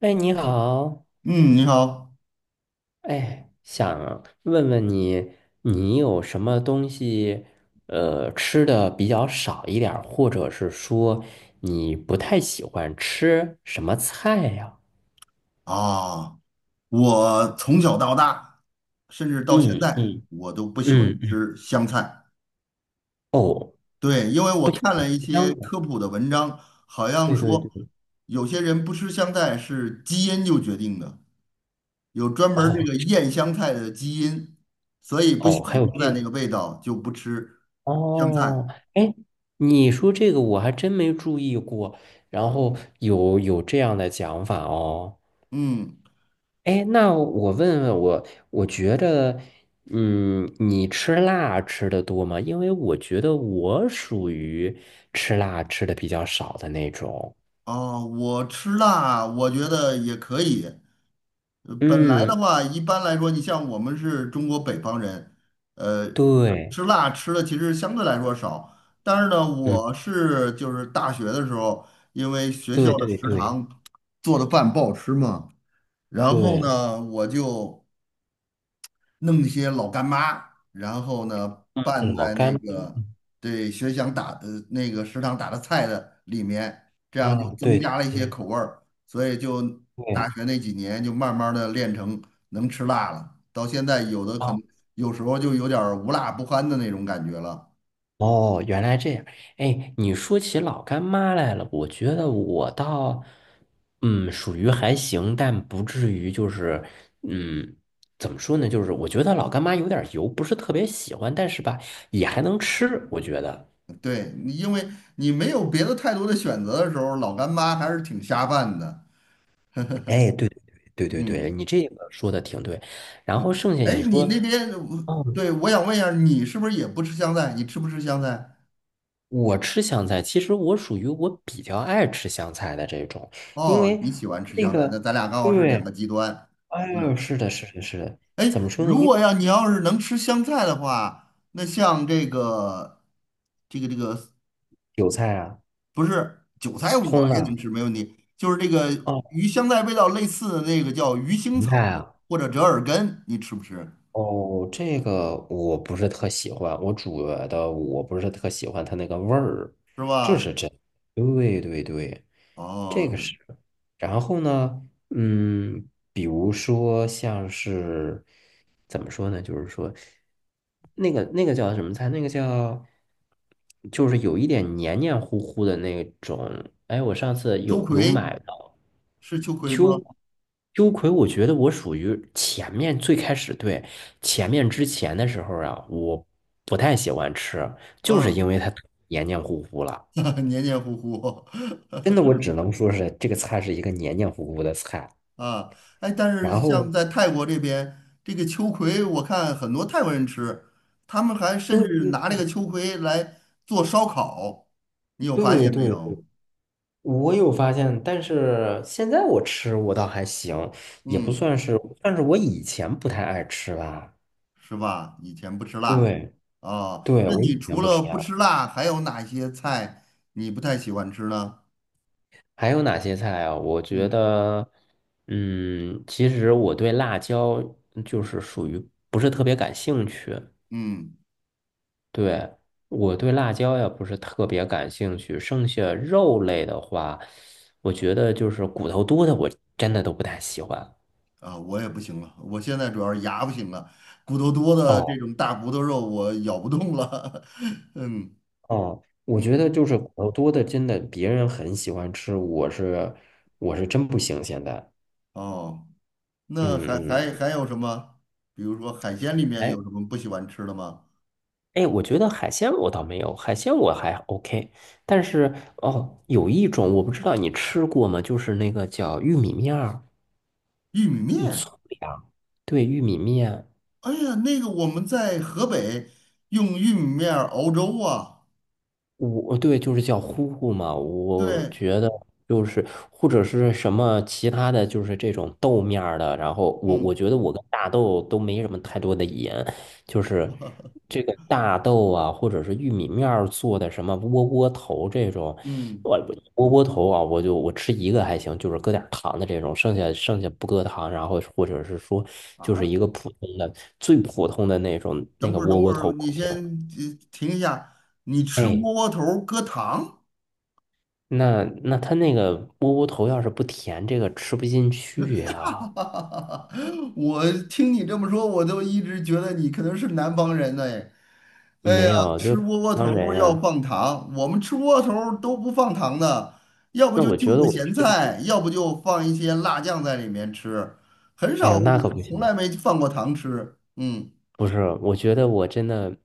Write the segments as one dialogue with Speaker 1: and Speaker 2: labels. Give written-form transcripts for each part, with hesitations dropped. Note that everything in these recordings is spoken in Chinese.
Speaker 1: 哎，你好，
Speaker 2: 嗯，你好
Speaker 1: 哎，想问问你，你有什么东西，吃的比较少一点儿，或者是说你不太喜欢吃什么菜呀？
Speaker 2: 啊！我从小到大，甚至到现
Speaker 1: 嗯
Speaker 2: 在，
Speaker 1: 嗯
Speaker 2: 我都不喜欢
Speaker 1: 嗯嗯，
Speaker 2: 吃香菜。
Speaker 1: 哦，
Speaker 2: 对，因为我看了一
Speaker 1: 香
Speaker 2: 些
Speaker 1: 的，
Speaker 2: 科普的文章，好像
Speaker 1: 对对
Speaker 2: 说
Speaker 1: 对，
Speaker 2: 有些人不吃香菜是基因就决定的，有专门儿这
Speaker 1: 哦
Speaker 2: 个厌香菜的基因，所以不喜
Speaker 1: 哦，
Speaker 2: 欢
Speaker 1: 还有
Speaker 2: 香菜
Speaker 1: 这，
Speaker 2: 那个味道就不吃香
Speaker 1: 哦，
Speaker 2: 菜。
Speaker 1: 哎，你说这个我还真没注意过，然后有这样的讲法哦。
Speaker 2: 嗯，
Speaker 1: 哎，那我问问我，我觉得，嗯，你吃辣吃的多吗？因为我觉得我属于吃辣吃的比较少的那种。
Speaker 2: 啊，我吃辣，我觉得也可以。本来的
Speaker 1: 嗯，
Speaker 2: 话，一般来说，你像我们是中国北方人，呃，
Speaker 1: 对，
Speaker 2: 吃辣吃的其实相对来说少。但是呢，
Speaker 1: 嗯，
Speaker 2: 我是就是大学的时候，因为学
Speaker 1: 对
Speaker 2: 校的
Speaker 1: 对
Speaker 2: 食
Speaker 1: 对
Speaker 2: 堂做的饭不好吃嘛，然后
Speaker 1: 对，
Speaker 2: 呢，我就弄一些老干妈，然后呢拌
Speaker 1: 老
Speaker 2: 在那
Speaker 1: 干
Speaker 2: 个对学校打的那个食堂打的菜的里面，这样就
Speaker 1: 啊，
Speaker 2: 增
Speaker 1: 对对
Speaker 2: 加了一些
Speaker 1: 对，
Speaker 2: 口味儿，所以就大
Speaker 1: 对
Speaker 2: 学那几年就慢慢的练成能吃辣了，到现在有的
Speaker 1: 啊。
Speaker 2: 可能
Speaker 1: 哦
Speaker 2: 有时候就有点儿无辣不欢的那种感觉了。
Speaker 1: 哦，原来这样。哎，你说起老干妈来了，我觉得我倒，属于还行，但不至于就是，嗯，怎么说呢？就是我觉得老干妈有点油，不是特别喜欢，但是吧，也还能吃，我觉得。
Speaker 2: 对，你因为你没有别的太多的选择的时候，老干妈还是挺下饭的。
Speaker 1: 哎，对对对对对，
Speaker 2: 嗯，
Speaker 1: 你这个说的挺对。然后剩下
Speaker 2: 哎，
Speaker 1: 你
Speaker 2: 你
Speaker 1: 说。
Speaker 2: 那边，
Speaker 1: 哦
Speaker 2: 对，我想问一下，你是不是也不吃香菜？你吃不吃香菜？
Speaker 1: 我吃香菜，其实我属于我比较爱吃香菜的这种，因
Speaker 2: 哦，
Speaker 1: 为
Speaker 2: 你喜欢吃
Speaker 1: 那
Speaker 2: 香菜，那
Speaker 1: 个，
Speaker 2: 咱俩刚好是两
Speaker 1: 对，
Speaker 2: 个极端。
Speaker 1: 哎呦，
Speaker 2: 嗯，
Speaker 1: 是的，是的，是的，
Speaker 2: 哎，
Speaker 1: 怎么说呢？
Speaker 2: 如
Speaker 1: 因为
Speaker 2: 果要你要是能吃香菜的话，那像这个这个
Speaker 1: 韭菜啊、
Speaker 2: 不是韭菜，我
Speaker 1: 葱
Speaker 2: 也能
Speaker 1: 啊、
Speaker 2: 吃，没问题。就是这个
Speaker 1: 哦，
Speaker 2: 与香菜味道类似的那个叫鱼腥
Speaker 1: 芹菜
Speaker 2: 草
Speaker 1: 啊，
Speaker 2: 或者折耳根，你吃不吃？
Speaker 1: 哦，这个我不是特喜欢，我煮的我不是特喜欢它那个味儿，
Speaker 2: 是
Speaker 1: 这
Speaker 2: 吧？
Speaker 1: 是真，对对对，这
Speaker 2: 哦，
Speaker 1: 个是。然后呢，嗯，比如说像是怎么说呢？就是说，那个叫什么菜？那个叫就是有一点黏黏糊糊的那种。哎，我上次
Speaker 2: 秋
Speaker 1: 有
Speaker 2: 葵
Speaker 1: 买到
Speaker 2: 是秋葵吗？
Speaker 1: 秋秋葵，我觉得我属于前面最开始对前面之前的时候啊，我不太喜欢吃，就是因
Speaker 2: 嗯，
Speaker 1: 为它黏黏糊糊了。
Speaker 2: 黏黏糊糊。
Speaker 1: 真的，我只能说是这个菜是一个黏黏糊糊的菜。
Speaker 2: 啊，哎，但是
Speaker 1: 然
Speaker 2: 像
Speaker 1: 后，
Speaker 2: 在泰国这边，这个秋葵我看很多泰国人吃，他们还甚至
Speaker 1: 对
Speaker 2: 拿这个秋葵来做烧烤，你有发
Speaker 1: 对
Speaker 2: 现没
Speaker 1: 对
Speaker 2: 有？
Speaker 1: 对，我有发现，但是现在我吃我倒还行，也不
Speaker 2: 嗯，
Speaker 1: 算是，但是我以前不太爱吃吧。
Speaker 2: 是吧？以前不吃辣
Speaker 1: 对
Speaker 2: 哦，
Speaker 1: 对，
Speaker 2: 那
Speaker 1: 我以
Speaker 2: 你除
Speaker 1: 前不
Speaker 2: 了
Speaker 1: 吃
Speaker 2: 不吃
Speaker 1: 辣。
Speaker 2: 辣，还有哪些菜你不太喜欢吃呢？
Speaker 1: 还有哪些菜啊？我觉
Speaker 2: 嗯
Speaker 1: 得，其实我对辣椒就是属于不是特别感兴趣。
Speaker 2: 嗯，
Speaker 1: 对，我对辣椒也不是特别感兴趣，剩下肉类的话，我觉得就是骨头多的，我真的都不太喜欢。
Speaker 2: 啊，我也不行了，我现在主要是牙不行了，骨头多的这
Speaker 1: 哦
Speaker 2: 种大骨头肉我咬不动了。嗯，
Speaker 1: 哦，我觉得就是骨头多的，真的别人很喜欢吃，我是真不行。现在，
Speaker 2: 哦。那还
Speaker 1: 嗯
Speaker 2: 还
Speaker 1: 嗯，
Speaker 2: 还有什么？比如说海鲜里面
Speaker 1: 哎
Speaker 2: 有什么不喜欢吃的吗？
Speaker 1: 哎，我觉得海鲜我倒没有，海鲜我还 OK，但是哦，有一种我不知道你吃过吗？就是那个叫玉米面儿，
Speaker 2: 玉米
Speaker 1: 嗯，
Speaker 2: 面，
Speaker 1: 粗粮，对，玉米面。
Speaker 2: 哎呀，那个我们在河北用玉米面儿熬粥啊。
Speaker 1: 我对，就是叫呼呼嘛，我
Speaker 2: 对，
Speaker 1: 觉得就是或者是什么其他的就是这种豆面儿的，然后我
Speaker 2: 嗯
Speaker 1: 觉得我跟大豆都没什么太多的盐，就是这个大豆啊，或者是玉米面儿做的什么窝窝头这种，
Speaker 2: 嗯，
Speaker 1: 我窝窝头啊，我就吃一个还行，就是搁点儿糖的这种，剩下不搁糖，然后或者是说就是
Speaker 2: 啊，
Speaker 1: 一个普通的最普通的那种那
Speaker 2: 等
Speaker 1: 个
Speaker 2: 会儿
Speaker 1: 窝
Speaker 2: 等
Speaker 1: 窝
Speaker 2: 会儿，
Speaker 1: 头
Speaker 2: 你
Speaker 1: 不行，
Speaker 2: 先停一下，你吃
Speaker 1: 哎。
Speaker 2: 窝窝头儿搁糖？
Speaker 1: 那他那个窝窝头要是不甜，这个吃不进去呀、
Speaker 2: 我听你这么说，我都一直觉得你可能是南方人呢。哎哎呀，
Speaker 1: 没有，就
Speaker 2: 吃窝窝头
Speaker 1: 当然
Speaker 2: 儿要
Speaker 1: 呀、
Speaker 2: 放糖，我们吃窝窝头儿都不放糖的，要不
Speaker 1: 那
Speaker 2: 就
Speaker 1: 我
Speaker 2: 就
Speaker 1: 觉得
Speaker 2: 个
Speaker 1: 我
Speaker 2: 咸
Speaker 1: 吃不进。
Speaker 2: 菜，要不就放一些辣酱在里面吃，很
Speaker 1: 哎
Speaker 2: 少，
Speaker 1: 呦，那可
Speaker 2: 我
Speaker 1: 不
Speaker 2: 从
Speaker 1: 行。
Speaker 2: 来没放过糖吃。嗯，
Speaker 1: 不是，我觉得我真的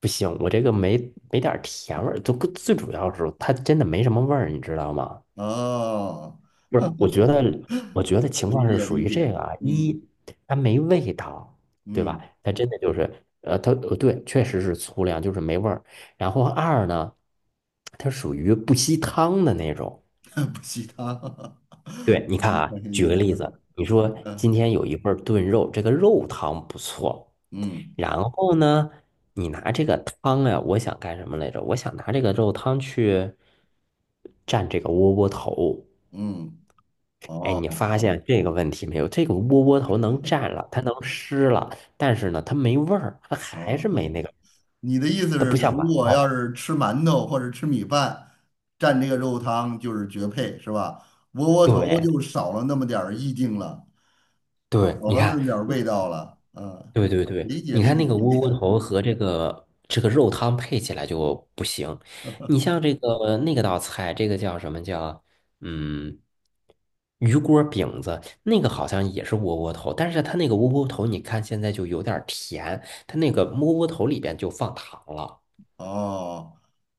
Speaker 1: 不行，我这个没点儿甜味儿，就最主要是它真的没什么味儿，你知道吗？
Speaker 2: 哦，
Speaker 1: 不是，我觉得情
Speaker 2: 理
Speaker 1: 况是
Speaker 2: 解
Speaker 1: 属
Speaker 2: 理
Speaker 1: 于这
Speaker 2: 解，
Speaker 1: 个啊，一，
Speaker 2: 嗯
Speaker 1: 它没味道，对吧？
Speaker 2: 嗯，
Speaker 1: 它真的就是，它对，确实是粗粮，就是没味儿。然后二呢，它属于不吸汤的那种。
Speaker 2: 不吸糖，
Speaker 1: 对，你
Speaker 2: 我
Speaker 1: 看
Speaker 2: 没发
Speaker 1: 啊，
Speaker 2: 现
Speaker 1: 举
Speaker 2: 意
Speaker 1: 个
Speaker 2: 思。
Speaker 1: 例子，你说今天有一份儿炖肉，这个肉汤不错，
Speaker 2: 嗯
Speaker 1: 然后呢，你拿这个汤呀、我想干什么来着？我想拿这个肉汤去蘸这个窝窝头。
Speaker 2: 嗯，
Speaker 1: 哎，你
Speaker 2: 哦
Speaker 1: 发现这个问题没有？这个窝窝头能蘸了，它能湿了，但是呢，它没味儿，它还
Speaker 2: 哦。
Speaker 1: 是没那个，
Speaker 2: 你的意思
Speaker 1: 它
Speaker 2: 是，
Speaker 1: 不像
Speaker 2: 如
Speaker 1: 馒
Speaker 2: 果要
Speaker 1: 头。
Speaker 2: 是吃馒头或者吃米饭，蘸这个肉汤就是绝配，是吧？窝窝头
Speaker 1: 对
Speaker 2: 就少了那么点儿意境了，
Speaker 1: 对，
Speaker 2: 少
Speaker 1: 你
Speaker 2: 了那
Speaker 1: 看，
Speaker 2: 么点儿味道了。嗯，
Speaker 1: 对对
Speaker 2: 理
Speaker 1: 对，
Speaker 2: 解
Speaker 1: 你
Speaker 2: 理
Speaker 1: 看那
Speaker 2: 解
Speaker 1: 个
Speaker 2: 理
Speaker 1: 窝窝
Speaker 2: 解。
Speaker 1: 头和这个肉汤配起来就不行。你像这个那个道菜，这个叫什么叫嗯鱼锅饼子，那个好像也是窝窝头，但是它那个窝窝头，你看现在就有点儿甜，它那个窝窝头里边就放糖了。
Speaker 2: 哦，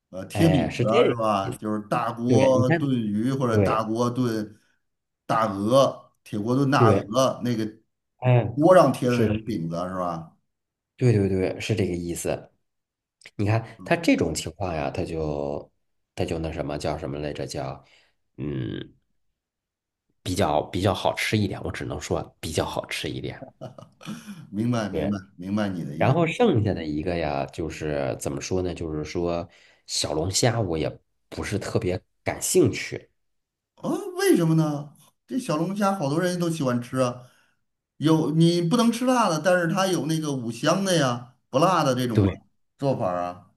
Speaker 2: 贴
Speaker 1: 哎，
Speaker 2: 饼子
Speaker 1: 是这
Speaker 2: 是
Speaker 1: 个，
Speaker 2: 吧？就是大
Speaker 1: 对，你
Speaker 2: 锅炖
Speaker 1: 看，
Speaker 2: 鱼或者大
Speaker 1: 对
Speaker 2: 锅炖大鹅，铁锅炖大
Speaker 1: 对，
Speaker 2: 鹅，那个
Speaker 1: 哎，
Speaker 2: 锅上贴的那
Speaker 1: 是，
Speaker 2: 种饼子是吧？
Speaker 1: 对对对，是这个
Speaker 2: 嗯
Speaker 1: 意思。你看他
Speaker 2: 嗯，
Speaker 1: 这种情况呀，他就那什么叫什么来着？叫嗯，比较好吃一点，我只能说比较好吃一点。
Speaker 2: 明白明
Speaker 1: 对，
Speaker 2: 白明白你的意
Speaker 1: 然
Speaker 2: 思。
Speaker 1: 后剩下的一个呀，就是怎么说呢？就是说小龙虾我也不是特别感兴趣，
Speaker 2: 啊，为什么呢？这小龙虾好多人都喜欢吃啊，有你不能吃辣的，但是它有那个五香的呀，不辣的这种嘛
Speaker 1: 对，
Speaker 2: 做法儿啊。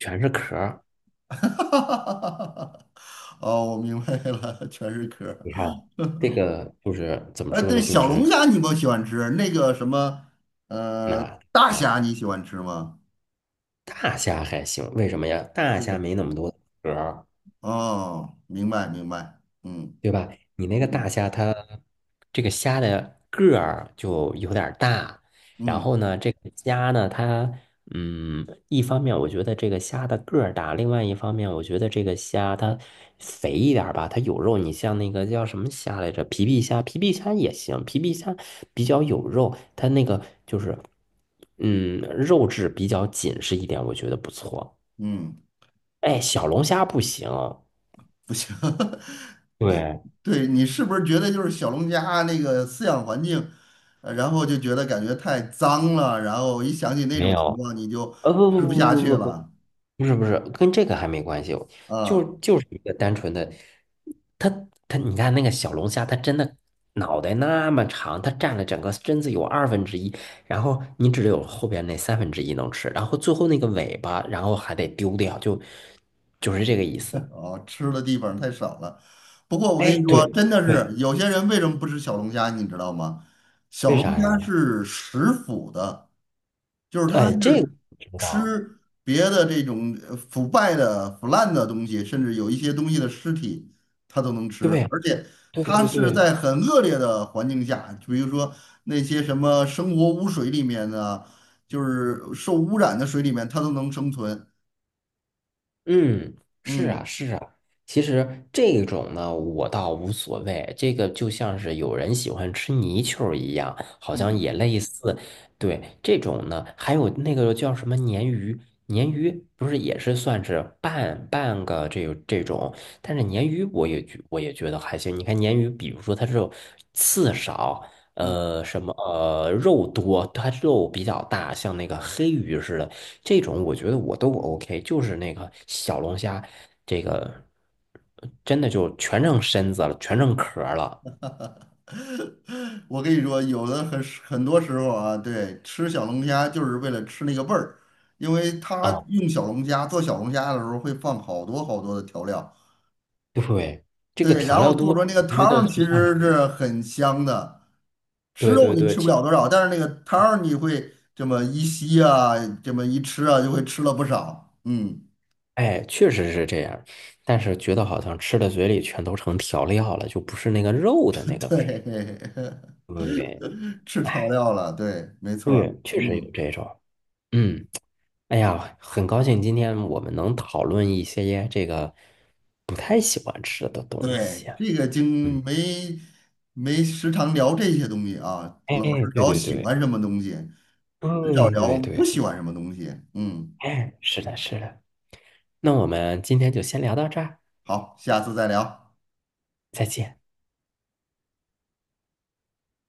Speaker 1: 全是壳儿。
Speaker 2: 哦，我明白了，全是壳儿。
Speaker 1: 你看这个就是怎么
Speaker 2: 哎，
Speaker 1: 说
Speaker 2: 对，
Speaker 1: 呢？就
Speaker 2: 小龙
Speaker 1: 是
Speaker 2: 虾你不喜欢吃，那个什么，呃，
Speaker 1: 那。
Speaker 2: 大
Speaker 1: 啊。
Speaker 2: 虾你喜欢吃吗？
Speaker 1: 大虾还行，为什么呀？大虾
Speaker 2: 对，
Speaker 1: 没那么多壳儿，
Speaker 2: 哦，明白明白，嗯
Speaker 1: 对吧？你那个大
Speaker 2: 嗯
Speaker 1: 虾它，这个虾的个儿就有点儿大，然
Speaker 2: 嗯
Speaker 1: 后呢，这个虾呢，它，一方面我觉得这个虾的个儿大，另外一方面我觉得这个虾它肥一点儿吧，它有肉。你像那个叫什么虾来着？皮皮虾，皮皮虾也行，皮皮虾比较有肉，它那个就是，肉质比较紧实一点，我觉得不错。
Speaker 2: 嗯。
Speaker 1: 哎，小龙虾不行，
Speaker 2: 不行，你
Speaker 1: 对，
Speaker 2: 对你是不是觉得就是小龙虾那个饲养环境，然后就觉得感觉太脏了，然后一想起那
Speaker 1: 没
Speaker 2: 种情
Speaker 1: 有，
Speaker 2: 况你就
Speaker 1: 不不
Speaker 2: 吃不
Speaker 1: 不
Speaker 2: 下去
Speaker 1: 不不不不，
Speaker 2: 了
Speaker 1: 不是不是，跟这个还没关系，就
Speaker 2: 啊，
Speaker 1: 就是一个单纯的，它你看那个小龙虾，它真的脑袋那么长，它占了整个身子有二分之一，然后你只有后边那三分之一能吃，然后最后那个尾巴，然后还得丢掉，就是这个意思。
Speaker 2: 哦，吃的地方太少了。不过我跟你
Speaker 1: 哎，
Speaker 2: 说，
Speaker 1: 对
Speaker 2: 真的
Speaker 1: 对，
Speaker 2: 是有些人为什么不吃小龙虾，你知道吗？小
Speaker 1: 为
Speaker 2: 龙
Speaker 1: 啥
Speaker 2: 虾
Speaker 1: 呀？
Speaker 2: 是食腐的。就是他
Speaker 1: 哎，这个
Speaker 2: 是
Speaker 1: 我知道，
Speaker 2: 吃别的这种腐败的、腐烂的东西，甚至有一些东西的尸体，他都能吃，
Speaker 1: 对
Speaker 2: 而且
Speaker 1: 对
Speaker 2: 他
Speaker 1: 对
Speaker 2: 是
Speaker 1: 对。
Speaker 2: 在很恶劣的环境下，就比如说那些什么生活污水里面的，就是受污染的水里面，它都能生存。
Speaker 1: 嗯，是啊，
Speaker 2: 嗯
Speaker 1: 是啊。其实这种呢，我倒无所谓。这个就像是有人喜欢吃泥鳅儿一样，好像也
Speaker 2: 嗯
Speaker 1: 类似。对，这种呢，还有那个叫什么鲶鱼，鲶鱼不是也是算是半个这种，但是鲶鱼我也觉得还行。你看鲶鱼，比如说它这种刺少，
Speaker 2: 嗯，
Speaker 1: 什么肉多，它肉比较大，像那个黑鱼似的，这种我觉得我都不 OK，就是那个小龙虾，这个真的就全剩身子了，全成壳儿了
Speaker 2: 我跟你说，有的很多时候啊，对，吃小龙虾就是为了吃那个味儿，因为他
Speaker 1: 啊！
Speaker 2: 用小龙虾做小龙虾的时候会放好多好多的调料。
Speaker 1: 对，这个
Speaker 2: 对，
Speaker 1: 调
Speaker 2: 然后
Speaker 1: 料
Speaker 2: 做出
Speaker 1: 多，
Speaker 2: 来那个
Speaker 1: 我
Speaker 2: 汤
Speaker 1: 觉得
Speaker 2: 儿其
Speaker 1: 就像
Speaker 2: 实
Speaker 1: 是，
Speaker 2: 是很香的，吃
Speaker 1: 对
Speaker 2: 肉
Speaker 1: 对
Speaker 2: 你
Speaker 1: 对，
Speaker 2: 吃不
Speaker 1: 其
Speaker 2: 了
Speaker 1: 实
Speaker 2: 多少，但是那个汤儿你会这么一吸啊，这么一吃啊，就会吃了不少。嗯，
Speaker 1: 哎，确实是这样，但是觉得好像吃的嘴里全都成调料了，就不是那个肉的那个味，
Speaker 2: 对，
Speaker 1: 对对对？
Speaker 2: 吃调
Speaker 1: 哎，
Speaker 2: 料了，对，没错儿
Speaker 1: 对，确实有
Speaker 2: 嗯，
Speaker 1: 这种，嗯。哎呀，很高兴今天我们能讨论一些这个不太喜欢吃的东西。
Speaker 2: 对，这个
Speaker 1: 嗯，
Speaker 2: 经没没时常聊这些东西啊，
Speaker 1: 哎，
Speaker 2: 老是
Speaker 1: 对
Speaker 2: 聊
Speaker 1: 对
Speaker 2: 喜
Speaker 1: 对，
Speaker 2: 欢什么东西，很少
Speaker 1: 对
Speaker 2: 聊
Speaker 1: 对
Speaker 2: 不
Speaker 1: 对
Speaker 2: 喜
Speaker 1: 对，
Speaker 2: 欢什么东西。嗯，
Speaker 1: 哎，是的，是的。那我们今天就先聊到这儿，
Speaker 2: 好，下次再聊。
Speaker 1: 再见。